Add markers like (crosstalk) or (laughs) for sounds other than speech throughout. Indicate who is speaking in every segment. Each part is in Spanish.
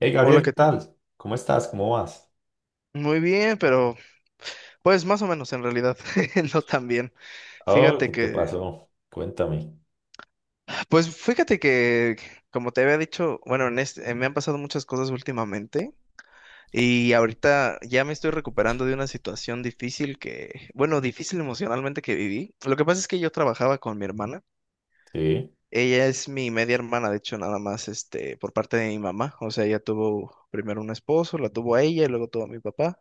Speaker 1: Hey
Speaker 2: Hola,
Speaker 1: Gabriel, ¿qué
Speaker 2: que
Speaker 1: tal? ¿Cómo estás? ¿Cómo vas?
Speaker 2: muy bien, pero pues más o menos en realidad, (laughs) no tan bien.
Speaker 1: Oh,
Speaker 2: Fíjate
Speaker 1: ¿qué te
Speaker 2: que,
Speaker 1: pasó? Cuéntame.
Speaker 2: pues fíjate que, como te había dicho, bueno, me han pasado muchas cosas últimamente y ahorita ya me estoy recuperando de una situación difícil que, bueno, difícil emocionalmente que viví. Lo que pasa es que yo trabajaba con mi hermana.
Speaker 1: Sí,
Speaker 2: Ella es mi media hermana, de hecho, nada más, por parte de mi mamá. O sea, ella tuvo primero un esposo, la tuvo a ella y luego tuvo a mi papá.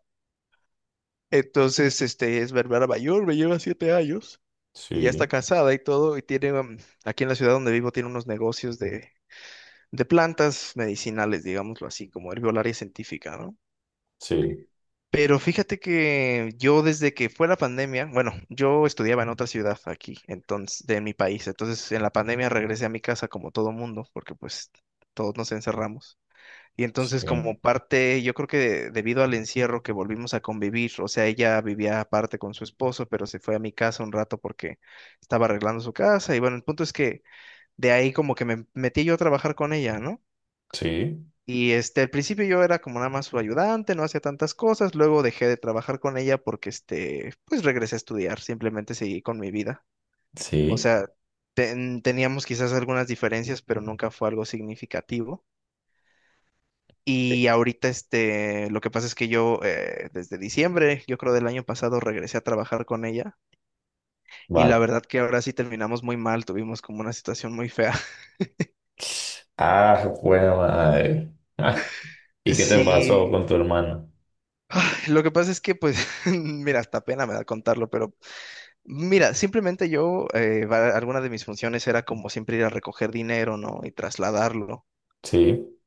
Speaker 2: Entonces, es Berbera mayor, me lleva 7 años, y ya está
Speaker 1: sí,
Speaker 2: casada y todo, y tiene, aquí en la ciudad donde vivo, tiene unos negocios de plantas medicinales, digámoslo así, como herbolaria científica, ¿no?
Speaker 1: sí,
Speaker 2: Pero fíjate que yo desde que fue la pandemia, bueno, yo estudiaba en otra ciudad aquí, entonces, de mi país, entonces en la pandemia regresé a mi casa como todo mundo, porque pues todos nos encerramos. Y entonces
Speaker 1: sí,
Speaker 2: como parte, yo creo que debido al encierro que volvimos a convivir, o sea, ella vivía aparte con su esposo, pero se fue a mi casa un rato porque estaba arreglando su casa. Y bueno, el punto es que de ahí como que me metí yo a trabajar con ella, ¿no?
Speaker 1: sí,
Speaker 2: Y al principio yo era como nada más su ayudante, no hacía tantas cosas, luego dejé de trabajar con ella porque pues regresé a estudiar, simplemente seguí con mi vida. O
Speaker 1: sí.
Speaker 2: sea, teníamos quizás algunas diferencias, pero nunca fue algo significativo. Y ahorita, lo que pasa es que yo, desde diciembre, yo creo del año pasado, regresé a trabajar con ella. Y la
Speaker 1: Vale.
Speaker 2: verdad que ahora sí terminamos muy mal, tuvimos como una situación muy fea. (laughs)
Speaker 1: Ah, buena madre. (laughs) Ah, ¿y qué te pasó
Speaker 2: Sí,
Speaker 1: con tu hermano?
Speaker 2: lo que pasa es que, pues, (laughs) mira, hasta pena me da contarlo, pero mira, simplemente yo, alguna de mis funciones era como siempre ir a recoger dinero, ¿no? Y trasladarlo.
Speaker 1: Sí,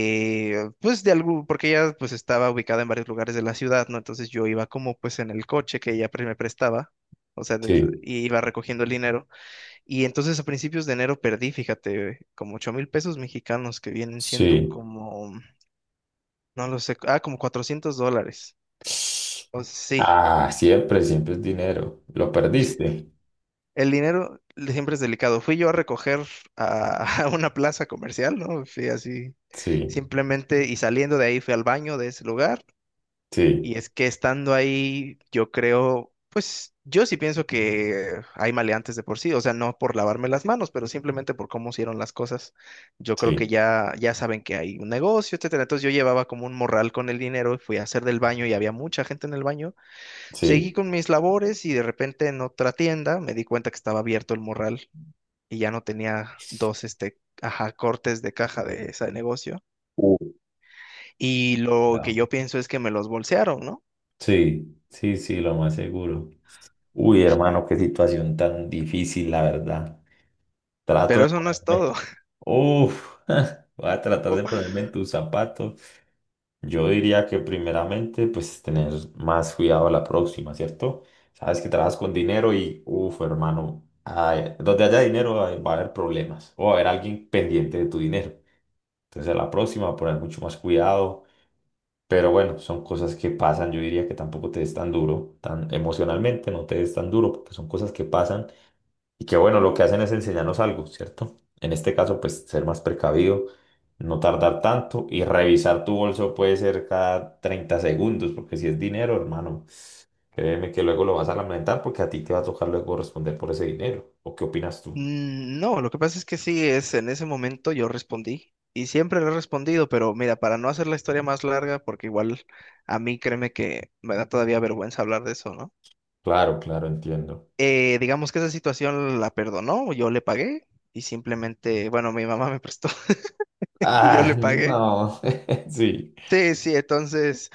Speaker 2: Pues de algo, porque ella pues estaba ubicada en varios lugares de la ciudad, ¿no? Entonces yo iba como pues en el coche que me prestaba,
Speaker 1: sí,
Speaker 2: y iba recogiendo el dinero. Y entonces a principios de enero perdí, fíjate, como 8.000 pesos mexicanos que vienen siendo
Speaker 1: sí.
Speaker 2: como, no lo sé, como 400 dólares. O sí.
Speaker 1: Ah, siempre, siempre es dinero. ¿Lo perdiste?
Speaker 2: El dinero siempre es delicado. Fui yo a recoger a, (laughs) a una plaza comercial, ¿no? Fui así,
Speaker 1: Sí,
Speaker 2: simplemente, y saliendo de ahí fui al baño de ese lugar. Y
Speaker 1: sí,
Speaker 2: es que estando ahí, yo creo, pues yo sí pienso que hay maleantes de por sí, o sea, no por lavarme las manos, pero simplemente por cómo hicieron las cosas. Yo creo que
Speaker 1: sí,
Speaker 2: ya saben que hay un negocio, etcétera. Entonces yo llevaba como un morral con el dinero y fui a hacer del baño y había mucha gente en el baño. Seguí
Speaker 1: sí.
Speaker 2: con mis labores y de repente en otra tienda me di cuenta que estaba abierto el morral y ya no tenía dos, cortes de caja de ese negocio.
Speaker 1: Uh,
Speaker 2: Y lo que
Speaker 1: no.
Speaker 2: yo pienso es que me los bolsearon, ¿no?
Speaker 1: Sí, sí, sí, lo más seguro. Uy, hermano, qué situación tan difícil, la verdad. Trato
Speaker 2: Pero
Speaker 1: de
Speaker 2: eso no es
Speaker 1: ponerme.
Speaker 2: todo.
Speaker 1: Uf, (laughs) voy a tratar de
Speaker 2: (laughs)
Speaker 1: ponerme en tus zapatos. Yo diría que primeramente, pues tener más cuidado a la próxima, ¿cierto? Sabes que trabajas con dinero y, uf, hermano, ay, donde haya dinero ay, va a haber problemas o va a haber alguien pendiente de tu dinero. Entonces a la próxima poner mucho más cuidado. Pero bueno, son cosas que pasan. Yo diría que tampoco te des tan duro, tan emocionalmente, no te des tan duro, porque son cosas que pasan y que bueno, lo que hacen es enseñarnos algo, ¿cierto? En este caso, pues ser más precavido, no tardar tanto y revisar tu bolso puede ser cada 30 segundos, porque si es dinero, hermano, créeme que luego lo vas a lamentar porque a ti te va a tocar luego responder por ese dinero. ¿O qué opinas tú?
Speaker 2: No, lo que pasa es que sí, es en ese momento yo respondí y siempre le he respondido, pero mira, para no hacer la historia más larga, porque igual a mí créeme que me da todavía vergüenza hablar de eso, ¿no?
Speaker 1: Claro, claro, entiendo.
Speaker 2: Digamos que esa situación la perdonó, yo le pagué y simplemente, bueno, mi mamá me prestó (laughs) y yo
Speaker 1: Ah,
Speaker 2: le pagué.
Speaker 1: no, (laughs) sí.
Speaker 2: Sí, sí, entonces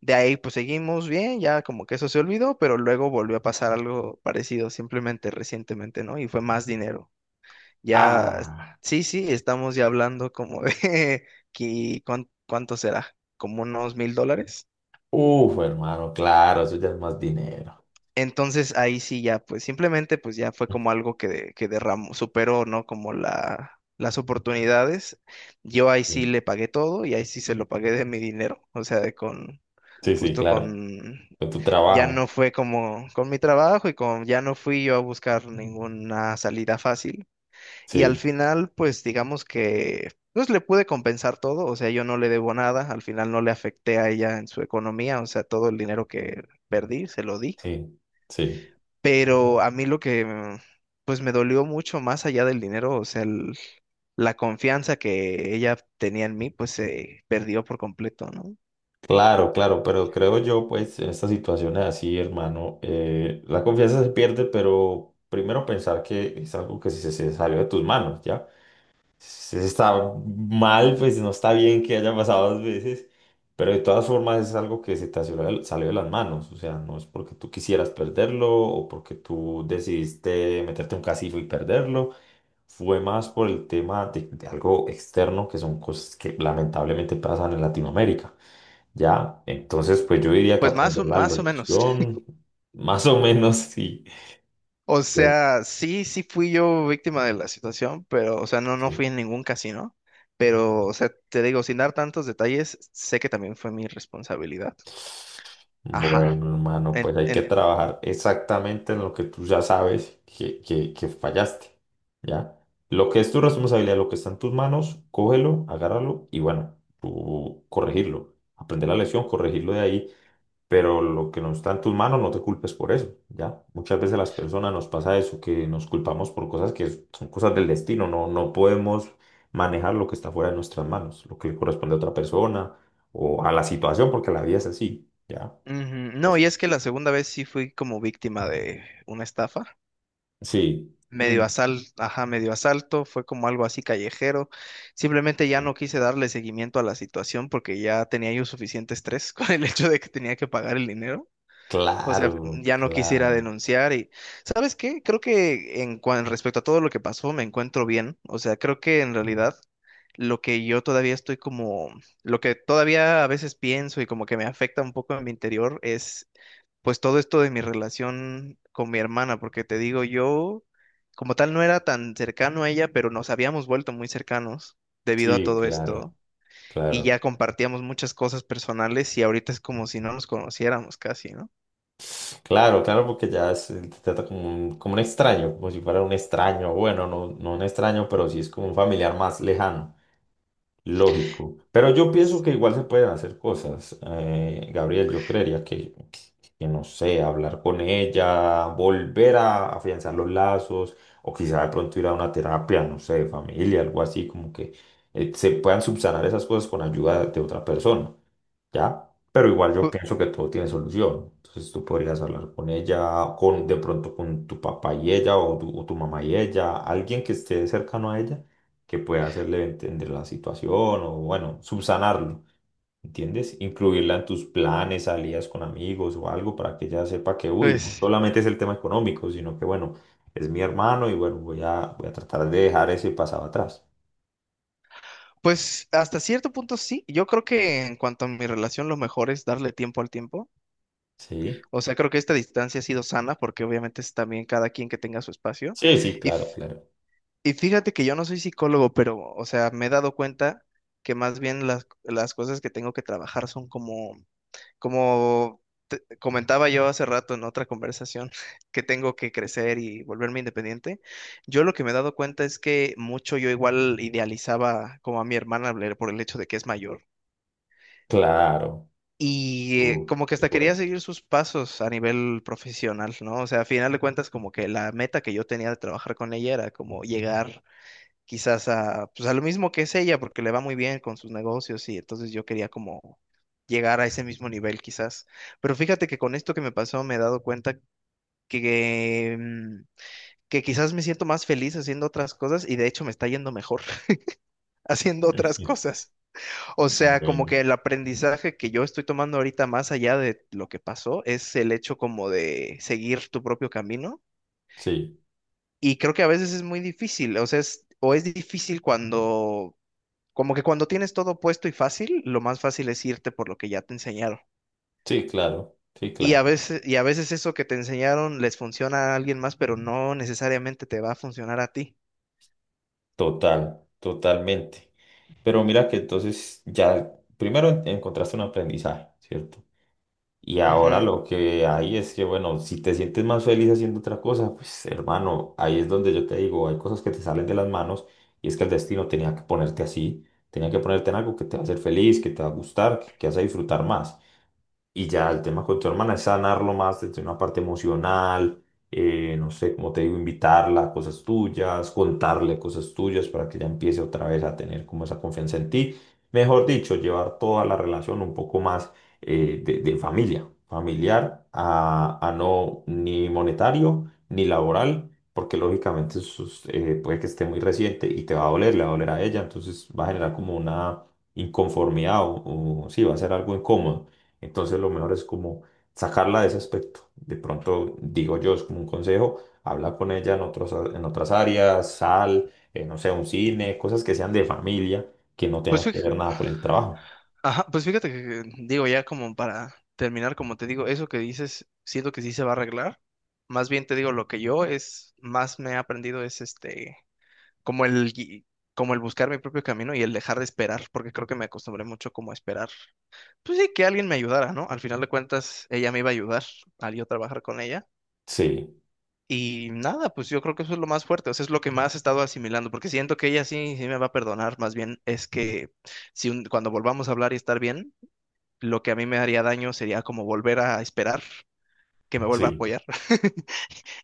Speaker 2: de ahí pues seguimos bien, ya como que eso se olvidó, pero luego volvió a pasar algo parecido simplemente recientemente, ¿no? Y fue más dinero. Ya,
Speaker 1: Ah,
Speaker 2: sí, sí, estamos ya hablando como de (laughs) que, ¿cuánto será? Como unos 1.000 dólares.
Speaker 1: uf, hermano, claro, eso ya es más dinero.
Speaker 2: Entonces ahí sí ya, pues simplemente pues ya fue como algo que, que derramó, superó, ¿no? Como las oportunidades. Yo ahí sí
Speaker 1: Sí,
Speaker 2: le pagué todo y ahí sí se lo pagué de mi dinero, o sea,
Speaker 1: sí, sí,
Speaker 2: justo
Speaker 1: claro.
Speaker 2: con,
Speaker 1: Con tu
Speaker 2: ya
Speaker 1: trabajo.
Speaker 2: no fue como con mi trabajo y con, ya no fui yo a buscar ninguna salida fácil. Y al
Speaker 1: Sí,
Speaker 2: final, pues digamos que pues le pude compensar todo, o sea, yo no le debo nada, al final no le afecté a ella en su economía, o sea, todo el dinero que perdí se lo di,
Speaker 1: sí, sí.
Speaker 2: pero a mí lo que pues me dolió mucho más allá del dinero, o sea, la confianza que ella tenía en mí, pues se perdió por completo, ¿no?
Speaker 1: Claro, claro, pero creo yo, pues, en estas situaciones así, hermano, la confianza se pierde, pero primero pensar que es algo que se salió de tus manos, ¿ya? Si está mal, pues no está bien que haya pasado dos veces, pero de todas formas es algo que se te salió, salió de las manos, o sea, no es porque tú quisieras perderlo o porque tú decidiste meterte un casillo y perderlo, fue más por el tema de algo externo que son cosas que lamentablemente pasan en Latinoamérica. Ya, entonces pues yo diría que
Speaker 2: Pues
Speaker 1: aprender la
Speaker 2: más o menos.
Speaker 1: lección, (laughs) más o menos sí.
Speaker 2: O
Speaker 1: Bueno,
Speaker 2: sea, sí, sí fui yo víctima de la situación, pero, o sea, no, no fui
Speaker 1: sí.
Speaker 2: en ningún casino. Pero, o sea, te digo, sin dar tantos detalles, sé que también fue mi responsabilidad. Ajá.
Speaker 1: Bueno, hermano, pues
Speaker 2: En-
Speaker 1: hay que
Speaker 2: en-
Speaker 1: trabajar exactamente en lo que tú ya sabes que fallaste, ¿ya? Lo que es tu responsabilidad, lo que está en tus manos, cógelo, agárralo y bueno, tú corregirlo. Aprender la lección, corregirlo de ahí. Pero lo que no está en tus manos, no te culpes por eso, ¿ya? Muchas veces las personas nos pasa eso, que nos culpamos por cosas que son cosas del destino, no, no podemos manejar lo que está fuera de nuestras manos, lo que le corresponde a otra persona o a la situación, porque la vida es así, ¿ya?
Speaker 2: ujú.
Speaker 1: Pues
Speaker 2: No,
Speaker 1: sí.
Speaker 2: y es que la segunda vez sí fui como víctima de una estafa.
Speaker 1: Sí. Mm,
Speaker 2: Medio asalto, fue como algo así callejero. Simplemente ya no quise darle seguimiento a la situación porque ya tenía yo suficiente estrés (laughs) con el hecho de que tenía que pagar el dinero. O sea,
Speaker 1: claro,
Speaker 2: ya no quisiera
Speaker 1: claro.
Speaker 2: denunciar y, ¿sabes qué? Creo que respecto a todo lo que pasó, me encuentro bien. O sea, creo que en realidad lo que yo todavía estoy como, lo que todavía a veces pienso y como que me afecta un poco en mi interior es pues todo esto de mi relación con mi hermana, porque te digo, yo como tal no era tan cercano a ella, pero nos habíamos vuelto muy cercanos debido a
Speaker 1: Sí,
Speaker 2: todo
Speaker 1: claro,
Speaker 2: esto y
Speaker 1: claro.
Speaker 2: ya compartíamos muchas cosas personales y ahorita es como si no nos conociéramos casi, ¿no?
Speaker 1: Claro, claro, porque ya te trata como un extraño, como si fuera un extraño, bueno, no, no un extraño, pero sí es como un familiar más lejano. Lógico. Pero yo pienso que igual se pueden hacer cosas. Gabriel, yo creería que no sé, hablar con ella, volver a afianzar los lazos, o quizá de pronto ir a una terapia, no sé, de familia, algo así, como que se puedan subsanar esas cosas con ayuda de otra persona. ¿Ya? Pero igual yo pienso que todo tiene solución. Entonces tú podrías hablar con ella, con de pronto con tu papá y ella, o tu mamá y ella, alguien que esté cercano a ella, que pueda hacerle entender la situación o, bueno, subsanarlo, ¿entiendes? Incluirla en tus planes, salidas con amigos o algo para que ella sepa que, uy, no
Speaker 2: Pues,
Speaker 1: solamente es el tema económico, sino que, bueno, es mi hermano y, bueno, voy a, voy a tratar de dejar ese pasado atrás.
Speaker 2: pues hasta cierto punto sí. Yo creo que en cuanto a mi relación, lo mejor es darle tiempo al tiempo.
Speaker 1: Sí,
Speaker 2: O sea, creo que esta distancia ha sido sana porque obviamente es también cada quien que tenga su espacio.
Speaker 1: sí, sí,
Speaker 2: Y,
Speaker 1: claro,
Speaker 2: f-
Speaker 1: claro,
Speaker 2: y fíjate que yo no soy psicólogo, pero, o sea, me he dado cuenta que más bien las cosas que tengo que trabajar son como, como comentaba yo hace rato en otra conversación (laughs) que tengo que crecer y volverme independiente. Yo lo que me he dado cuenta es que mucho yo igual idealizaba como a mi hermana Blair por el hecho de que es mayor.
Speaker 1: claro.
Speaker 2: Y como que
Speaker 1: Qué
Speaker 2: hasta quería
Speaker 1: bueno.
Speaker 2: seguir sus pasos a nivel profesional, ¿no? O sea, a final de cuentas, como que la meta que yo tenía de trabajar con ella era como llegar quizás a, pues a lo mismo que es ella, porque le va muy bien con sus negocios y entonces yo quería como llegar a ese mismo nivel quizás. Pero fíjate que con esto que me pasó me he dado cuenta que, que quizás me siento más feliz haciendo otras cosas y de hecho me está yendo mejor (laughs) haciendo otras cosas. O sea, como
Speaker 1: Bueno,
Speaker 2: que el aprendizaje que yo estoy tomando ahorita más allá de lo que pasó es el hecho como de seguir tu propio camino
Speaker 1: sí,
Speaker 2: y creo que a veces es muy difícil, o es difícil cuando, como que cuando tienes todo puesto y fácil, lo más fácil es irte por lo que ya te enseñaron.
Speaker 1: sí, claro, sí, claro,
Speaker 2: Y a veces eso que te enseñaron les funciona a alguien más, pero no necesariamente te va a funcionar a ti.
Speaker 1: total, totalmente. Pero mira que entonces ya primero encontraste un aprendizaje, ¿cierto? Y ahora
Speaker 2: Ujú.
Speaker 1: lo que hay es que, bueno, si te sientes más feliz haciendo otra cosa, pues hermano, ahí es donde yo te digo, hay cosas que te salen de las manos y es que el destino tenía que ponerte así, tenía que ponerte en algo que te va a hacer feliz, que te va a gustar, que vas a disfrutar más. Y ya el tema con tu hermana es sanarlo más desde una parte emocional, no sé, como te digo, invitarla a cosas tuyas, contarle cosas tuyas para que ella empiece otra vez a tener como esa confianza en ti. Mejor dicho, llevar toda la relación un poco más de familia, familiar a no ni monetario ni laboral, porque lógicamente eso es, puede que esté muy reciente y te va a doler, le va a doler a ella, entonces va a generar como una inconformidad o sí, va a ser algo incómodo. Entonces lo mejor es como sacarla de ese aspecto. De pronto, digo yo, es como un consejo, habla con ella en otros, en otras áreas, sal, no sé, un cine, cosas que sean de familia, que no
Speaker 2: Pues
Speaker 1: tengan que
Speaker 2: fíjate,
Speaker 1: ver nada con el trabajo.
Speaker 2: ajá, pues fíjate que, digo, ya como para terminar, como te digo, eso que dices, siento que sí se va a arreglar. Más bien te digo, lo que yo es, más me he aprendido es como el, gui- como el buscar mi propio camino y el dejar de esperar, porque creo que me acostumbré mucho como a esperar. Pues sí, que alguien me ayudara, ¿no? Al final de cuentas, ella me iba a ayudar al yo trabajar con ella.
Speaker 1: Sí,
Speaker 2: Y nada, pues yo creo que eso es lo más fuerte, o sea, es lo que más he estado asimilando, porque siento que ella sí, sí me va a perdonar, más bien es que si un- cuando volvamos a hablar y estar bien lo que a mí me haría daño sería como volver a esperar que me vuelva a
Speaker 1: sí.
Speaker 2: apoyar (laughs)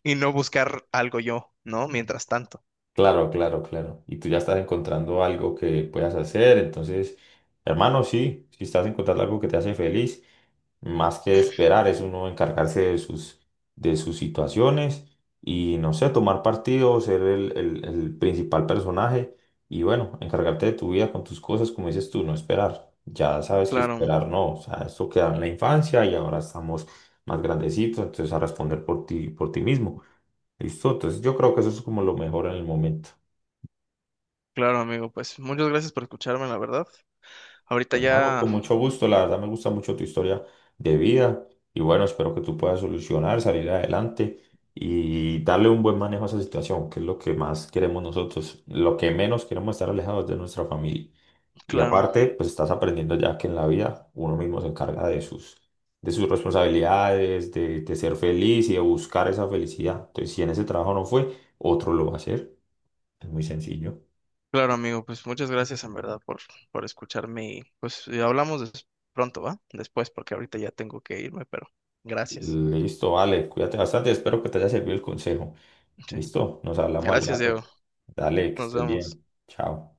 Speaker 2: y no buscar algo yo, ¿no? Mientras tanto.
Speaker 1: Claro, claro, claro. Y tú ya estás encontrando algo que puedas hacer. Entonces, hermano, sí, si estás encontrando algo que te hace feliz, más que esperar, es uno encargarse de sus situaciones y, no sé, tomar partido, ser el, el principal personaje y, bueno, encargarte de tu vida con tus cosas, como dices tú, no esperar. Ya sabes que
Speaker 2: Claro,
Speaker 1: esperar no, o sea, esto queda en la infancia y ahora estamos más grandecitos, entonces a responder por ti mismo. Listo, entonces yo creo que eso es como lo mejor en el momento.
Speaker 2: claro, amigo, pues muchas gracias por escucharme, la verdad. Ahorita
Speaker 1: Hermano,
Speaker 2: ya,
Speaker 1: con mucho gusto, la verdad me gusta mucho tu historia de vida y bueno, espero que tú puedas solucionar, salir adelante y darle un buen manejo a esa situación, que es lo que más queremos nosotros, lo que menos queremos estar alejados de nuestra familia. Y
Speaker 2: claro,
Speaker 1: aparte, pues estás aprendiendo ya que en la vida uno mismo se encarga de sus responsabilidades, de ser feliz y de buscar esa felicidad. Entonces, si en ese trabajo no fue, otro lo va a hacer. Es muy sencillo.
Speaker 2: claro, amigo, pues muchas gracias en verdad por escucharme y pues y hablamos pronto, ¿va? Después, porque ahorita ya tengo que irme, pero gracias.
Speaker 1: Listo, vale, cuídate bastante, espero que te haya servido el consejo.
Speaker 2: Sí.
Speaker 1: Listo, nos hablamos al
Speaker 2: Gracias, Diego.
Speaker 1: rato. Dale, que
Speaker 2: Nos
Speaker 1: estés
Speaker 2: vemos.
Speaker 1: bien. Chao.